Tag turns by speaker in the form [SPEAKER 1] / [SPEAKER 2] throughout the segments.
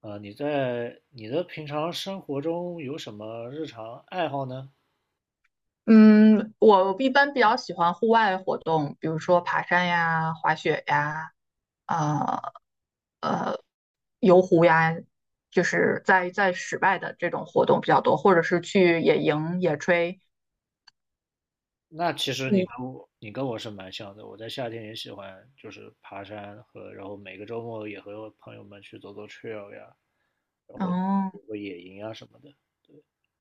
[SPEAKER 1] 啊，你在你的平常生活中有什么日常爱好呢？
[SPEAKER 2] 嗯，我一般比较喜欢户外活动，比如说爬山呀、滑雪呀、呃呃游湖呀，就是在室外的这种活动比较多，或者是去野营、野炊。
[SPEAKER 1] 那其实你
[SPEAKER 2] 嗯。
[SPEAKER 1] 跟我你跟我是蛮像的，我在夏天也喜欢就是爬山和，然后每个周末也和朋友们去走走 trail 呀，然后
[SPEAKER 2] 哦。
[SPEAKER 1] 有个野营啊什么的。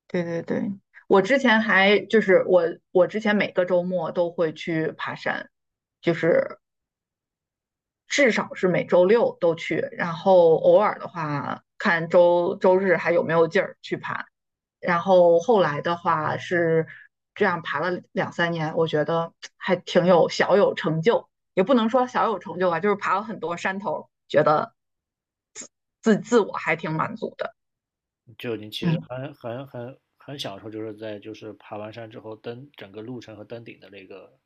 [SPEAKER 2] 对对对，我之前还就是我我之前每个周末都会去爬山，就是至少是每周六都去，然后偶尔的话看周日还有没有劲儿去爬。然后后来的话是这样爬了两三年，我觉得还挺有小有成就，也不能说小有成就吧，就是爬了很多山头，觉得自自我还挺满足的。
[SPEAKER 1] 就你其实
[SPEAKER 2] 嗯。
[SPEAKER 1] 很享受，就是爬完山之后登整个路程和登顶的那个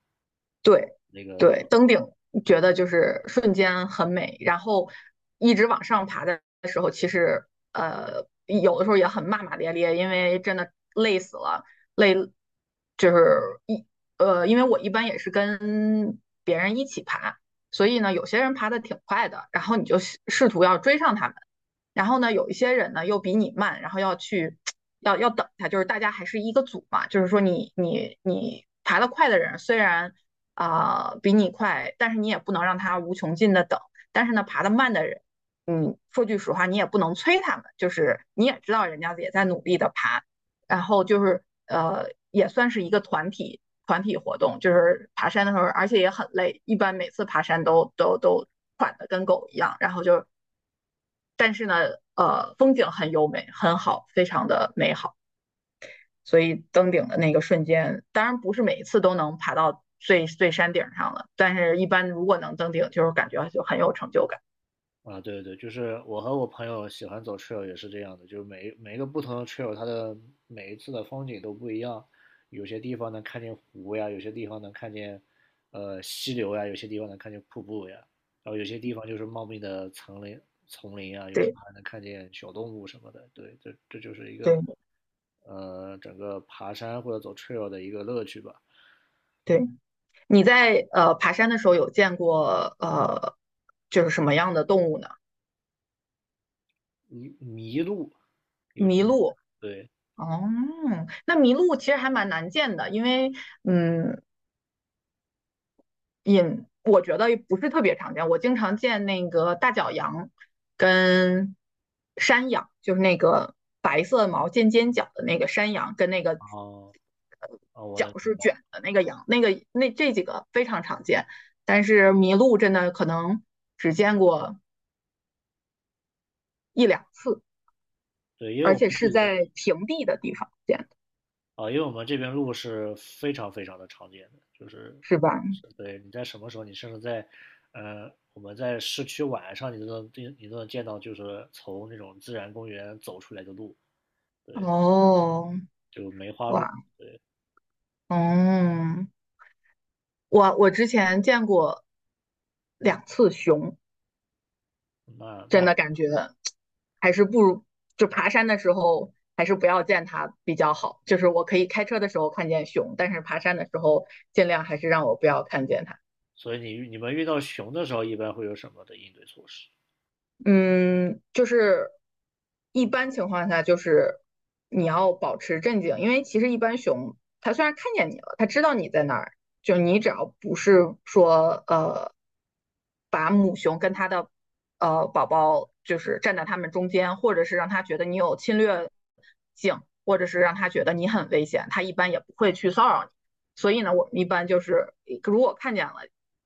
[SPEAKER 2] 对
[SPEAKER 1] 那个那个
[SPEAKER 2] 对，登顶觉得就是瞬间很美，然后一直往上爬的时候，其实有的时候也很骂骂咧咧，因为真的累死了。累就是一呃，因为我一般也是跟别人一起爬，所以呢有些人爬的挺快的，然后你就试图要追上他们，然后呢有一些人呢又比你慢，然后要去要要等他，就是大家还是一个组嘛，就是说你爬得快的人虽然，比你快，但是你也不能让他无穷尽的等。但是呢，爬得慢的人，说句实话，你也不能催他们，就是你也知道人家也在努力的爬，然后就是，呃，也算是一个团体活动，就是爬山的时候，而且也很累，一般每次爬山都喘的跟狗一样。然后就，但是呢，风景很优美，很好，非常的美好。所以登顶的那个瞬间，当然不是每一次都能爬到最最山顶上了，但是一般如果能登顶，就是感觉就很有成就感。
[SPEAKER 1] 啊，对对对，就是我和我朋友喜欢走 trail 也是这样的，就是每每一个不同的 trail，它的每一次的风景都不一样，有些地方能看见湖呀，有些地方能看见溪流呀，有些地方能看见瀑布呀，然后有些地方就是茂密的丛林啊，有时
[SPEAKER 2] 对
[SPEAKER 1] 候还能看见小动物什么的。对，这这就是一
[SPEAKER 2] 对
[SPEAKER 1] 个整个爬山或者走 trail 的一个乐趣吧。
[SPEAKER 2] 对。你在爬山的时候有见过就是什么样的动物呢？
[SPEAKER 1] 迷迷路有
[SPEAKER 2] 麋
[SPEAKER 1] 经
[SPEAKER 2] 鹿。
[SPEAKER 1] 对，
[SPEAKER 2] 哦，那麋鹿其实还蛮难见的，因为嗯，我觉得不是特别常见。我经常见那个大角羊跟山羊，就是那个白色毛尖尖角的那个山羊，跟那个
[SPEAKER 1] 哦
[SPEAKER 2] 呃
[SPEAKER 1] 哦，我
[SPEAKER 2] 角
[SPEAKER 1] 能明
[SPEAKER 2] 是
[SPEAKER 1] 白，
[SPEAKER 2] 卷的那个羊，那个那这几个非常常见，但是麋鹿真的可能只见过一两次，
[SPEAKER 1] 对，因为
[SPEAKER 2] 而
[SPEAKER 1] 我们。
[SPEAKER 2] 且是在平地的地方见的。
[SPEAKER 1] 啊，因为我们这边鹿是非常非常的常见的，就是
[SPEAKER 2] 是吧？
[SPEAKER 1] 是对你在什么时候，你甚至在我们在市区晚上，你都能你都能见到，就是从那种自然公园走出来的鹿，对，
[SPEAKER 2] 哦。
[SPEAKER 1] 就梅花鹿。
[SPEAKER 2] 哇。嗯。我之前见过两次熊，
[SPEAKER 1] 那
[SPEAKER 2] 真
[SPEAKER 1] 那
[SPEAKER 2] 的感觉还是不如就爬山的时候还是不要见它比较好。就是我可以开车的时候看见熊，但是爬山的时候尽量还是让我不要看见它。
[SPEAKER 1] 所以你们遇到熊的时候，一般会有什么的应对措施？
[SPEAKER 2] 嗯，就是一般情况下，就是你要保持镇静，因为其实一般熊它虽然看见你了，它知道你在哪儿，就你只要不是说把母熊跟它的宝宝就是站在它们中间，或者是让它觉得你有侵略性，或者是让它觉得你很危险，它一般也不会去骚扰你。所以呢，我们一般就是如果看见了，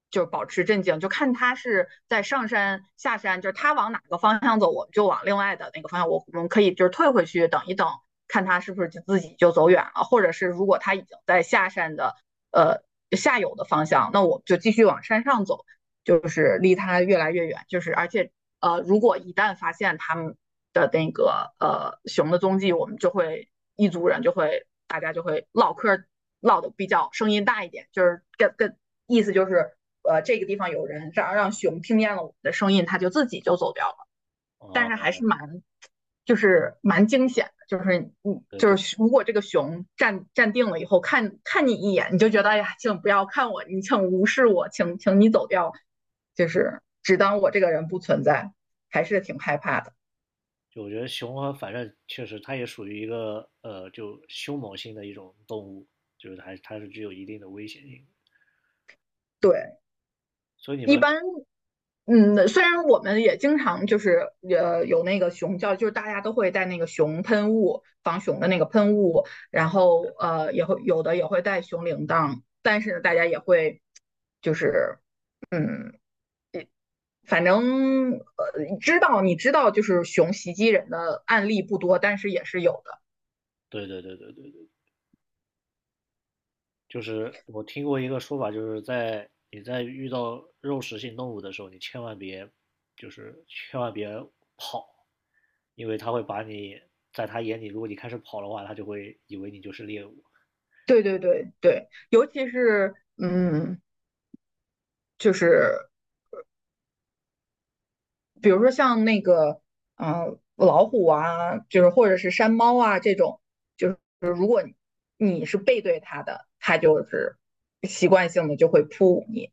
[SPEAKER 2] 就保持镇静，就看他是在上山下山，就是他往哪个方向走，我们就往另外的那个方向，我们可以就是退回去等一等，看他是不是就自己就走远了，或者是如果他已经在下山的呃下游的方向，那我们就继续往山上走，就是离他越来越远。就是而且，呃，如果一旦发现他们的那个熊的踪迹，我们就会一族人就会唠嗑，唠的比较声音大一点，就是意思就是这个地方有人，让熊听见了我们的声音，它就自己就走掉了。但是
[SPEAKER 1] 哦，
[SPEAKER 2] 还是蛮惊险的，就是你
[SPEAKER 1] 对对，
[SPEAKER 2] 就是如果这个熊站定了以后看看你一眼，你就觉得哎呀，请不要看我，你请无视我，请你走掉，就是只当我这个人不存在，还是挺害怕的。
[SPEAKER 1] 就我觉得熊和反正确实它也属于一个就凶猛性的一种动物，就是它是具有一定的危险性的。
[SPEAKER 2] 对。
[SPEAKER 1] 所以你
[SPEAKER 2] 一
[SPEAKER 1] 们
[SPEAKER 2] 般，虽然我们也经常就是有那个熊叫，就是大家都会带那个熊喷雾、防熊的那个喷雾，然后也会有的也会带熊铃铛，但是呢，大家也会就是嗯，反正知道你知道就是熊袭击人的案例不多，但是也是有的。
[SPEAKER 1] 对对对对对对。就是我听过一个说法，就是在你在遇到肉食性动物的时候，你千万别，就是千万别跑，因为它会把你，在它眼里，如果你开始跑的话，它就会以为你就是猎物。
[SPEAKER 2] 对对对对。尤其是，就是比如说像那个，老虎啊，就是或者是山猫啊这种，就是如果你是背对它的，它就是习惯性的就会扑你。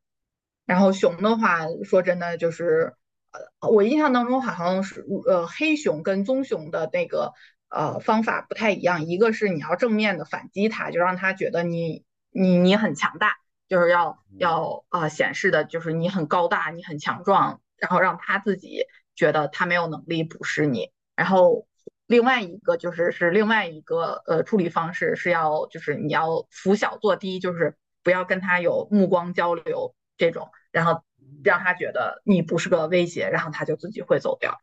[SPEAKER 2] 然后熊的话，说真的就是，我印象当中好像是，黑熊跟棕熊的那个方法不太一样，一个是你要正面的反击它，就让它觉得你很强大，就是要显示的就是你很高大，你很强壮，然后让它自己觉得它没有能力捕食你。然后另外一个就是另外一个处理方式是要就是你要拂小作低，就是不要跟他有目光交流这种，然后让他觉得你不是个威胁，然后他就自己会走掉。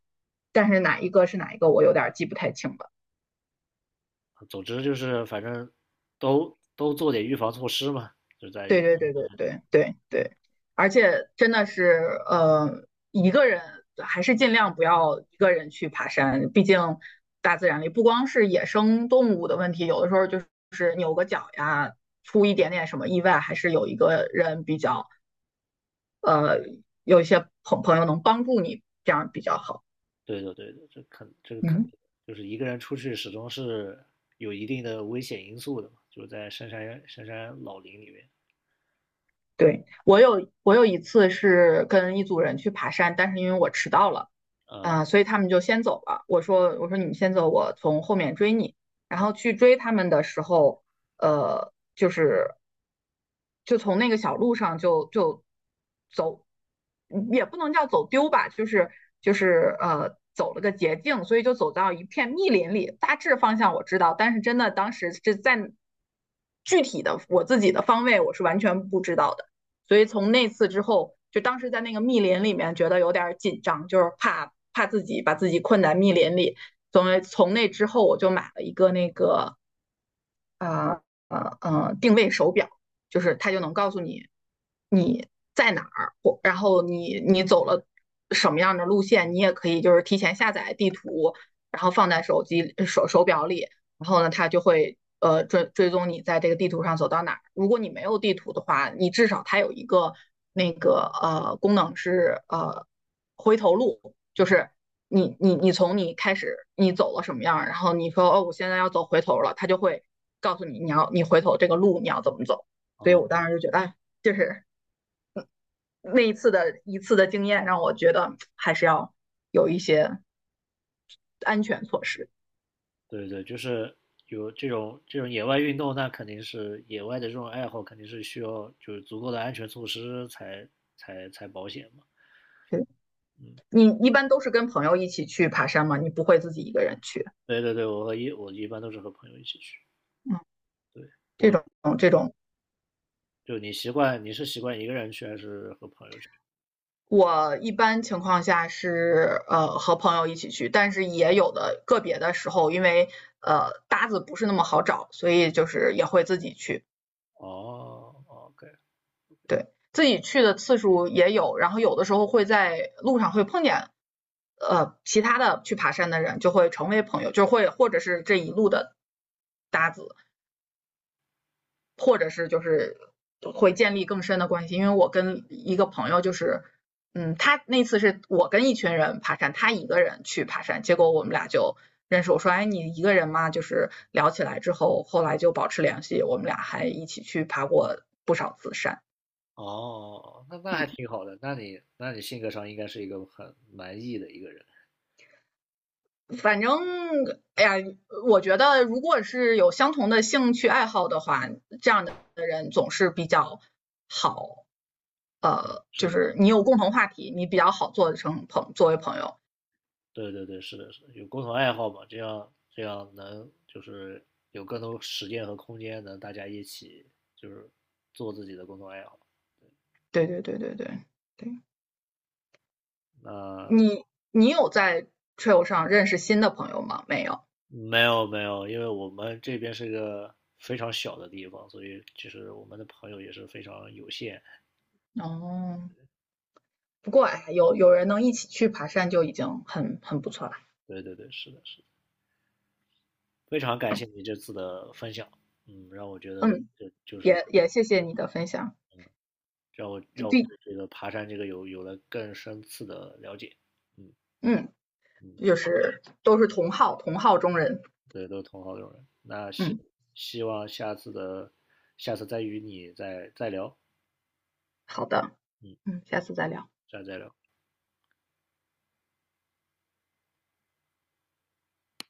[SPEAKER 2] 但是哪一个是哪一个，我有点记不太清了。
[SPEAKER 1] 总之就是反正都做点预防措施嘛，就在
[SPEAKER 2] 对
[SPEAKER 1] 于，
[SPEAKER 2] 对对对对对对。而且真的是，一个人还是尽量不要一个人去爬山，毕竟大自然里不光是野生动物的问题，有的时候就是扭个脚呀，出一点点什么意外，还是有一个人比较，呃，有一些朋友能帮助你，这样比较好。
[SPEAKER 1] 对的对的，这肯这个肯定
[SPEAKER 2] 嗯。
[SPEAKER 1] 就是一个人出去始终是有一定的危险因素的嘛，就是在深山老林里面。
[SPEAKER 2] 对，我有一次是跟一组人去爬山，但是因为我迟到了。
[SPEAKER 1] 嗯。
[SPEAKER 2] 所以他们就先走了。我说你们先走，我从后面追你。然后去追他们的时候，就是就从那个小路上就走，嗯，也不能叫走丢吧，就是走了个捷径，所以就走到一片密林里。大致方向我知道，但是真的当时是在具体的我自己的方位我是完全不知道的。所以从那次之后，就当时在那个密林里面觉得有点紧张，就是怕自己把自己困在密林里。所以从那之后，我就买了一个那个呃定位手表，就是它就能告诉你你在哪儿，或然后你走了什么样的路线，你也可以就是提前下载地图，然后放在手机手手表里，然后呢，它就会追踪你在这个地图上走到哪儿。如果你没有地图的话，你至少它有一个那个功能是回头路，就是你从你开始你走了什么样，然后你说哦，我现在要走回头了，他就会告诉你你回头这个路你要怎么走。所以
[SPEAKER 1] 啊。
[SPEAKER 2] 我当时就觉得，哎，就是那一次的经验让我觉得还是要有一些安全措施。
[SPEAKER 1] 对对，就是有这种野外运动，那肯定是野外的这种爱好，肯定是需要就是足够的安全措施才才保险嘛。
[SPEAKER 2] 对。
[SPEAKER 1] 嗯，
[SPEAKER 2] 你一般都是跟朋友一起去爬山吗？你不会自己一个人去。
[SPEAKER 1] 对对对，我一般都是和朋友一起去。
[SPEAKER 2] 嗯。
[SPEAKER 1] 对，
[SPEAKER 2] 这种这种
[SPEAKER 1] 就你是习惯一个人去还是和朋友去？
[SPEAKER 2] 我一般情况下是和朋友一起去，但是也有的个别的时候，因为搭子不是那么好找，所以就是也会自己去。
[SPEAKER 1] 哦，OK，
[SPEAKER 2] 对。自己去的次数也有，然后有的时候会在路上会碰见其他的去爬山的人，就会成为朋友，或者是这一路的搭子，或者是就是会建立更深的关系。因为我跟一个朋友就是，他那次是我跟一群人爬山，他一个人去爬山，结果我们俩就认识。我说，哎，你一个人吗？就是聊起来之后，后来就保持联系，我们俩还一起去爬过不少次山。
[SPEAKER 1] 哦，那那还
[SPEAKER 2] 嗯。
[SPEAKER 1] 挺好的，那你性格上应该是一个很蛮毅的一个人，
[SPEAKER 2] 反正，哎呀，我觉得如果是有相同的兴趣爱好的话，这样的人总是比较好。就
[SPEAKER 1] 是
[SPEAKER 2] 是你有共同话题，你比较好做成朋作为朋友。
[SPEAKER 1] 对对对，是的，是的，有共同爱好嘛，这样这样能就是有更多时间和空间，能大家一起就是做自己的共同爱好。
[SPEAKER 2] 对对对对对对。
[SPEAKER 1] 那
[SPEAKER 2] 你有在 trail 上认识新的朋友吗？没有。
[SPEAKER 1] 没有没有，因为我们这边是个非常小的地方，所以其实我们的朋友也是非常有限。
[SPEAKER 2] 哦，不过哎，有人能一起去爬山就已经很不错了。
[SPEAKER 1] 对对对，是的，是的，非常感谢你这次的分享，嗯，让我觉得
[SPEAKER 2] 嗯。
[SPEAKER 1] 这就是
[SPEAKER 2] 也谢谢你的分享。
[SPEAKER 1] 让我
[SPEAKER 2] 就
[SPEAKER 1] 让我
[SPEAKER 2] 毕
[SPEAKER 1] 对这个爬山这个有了更深次的了解，嗯
[SPEAKER 2] 嗯，
[SPEAKER 1] 嗯。
[SPEAKER 2] 就是都是同好中人。
[SPEAKER 1] 对，都是同好友人。那希
[SPEAKER 2] 嗯。
[SPEAKER 1] 希望下次的下次再与你再再聊，
[SPEAKER 2] 好的。
[SPEAKER 1] 嗯，
[SPEAKER 2] 嗯。下次再聊。
[SPEAKER 1] 下次再聊。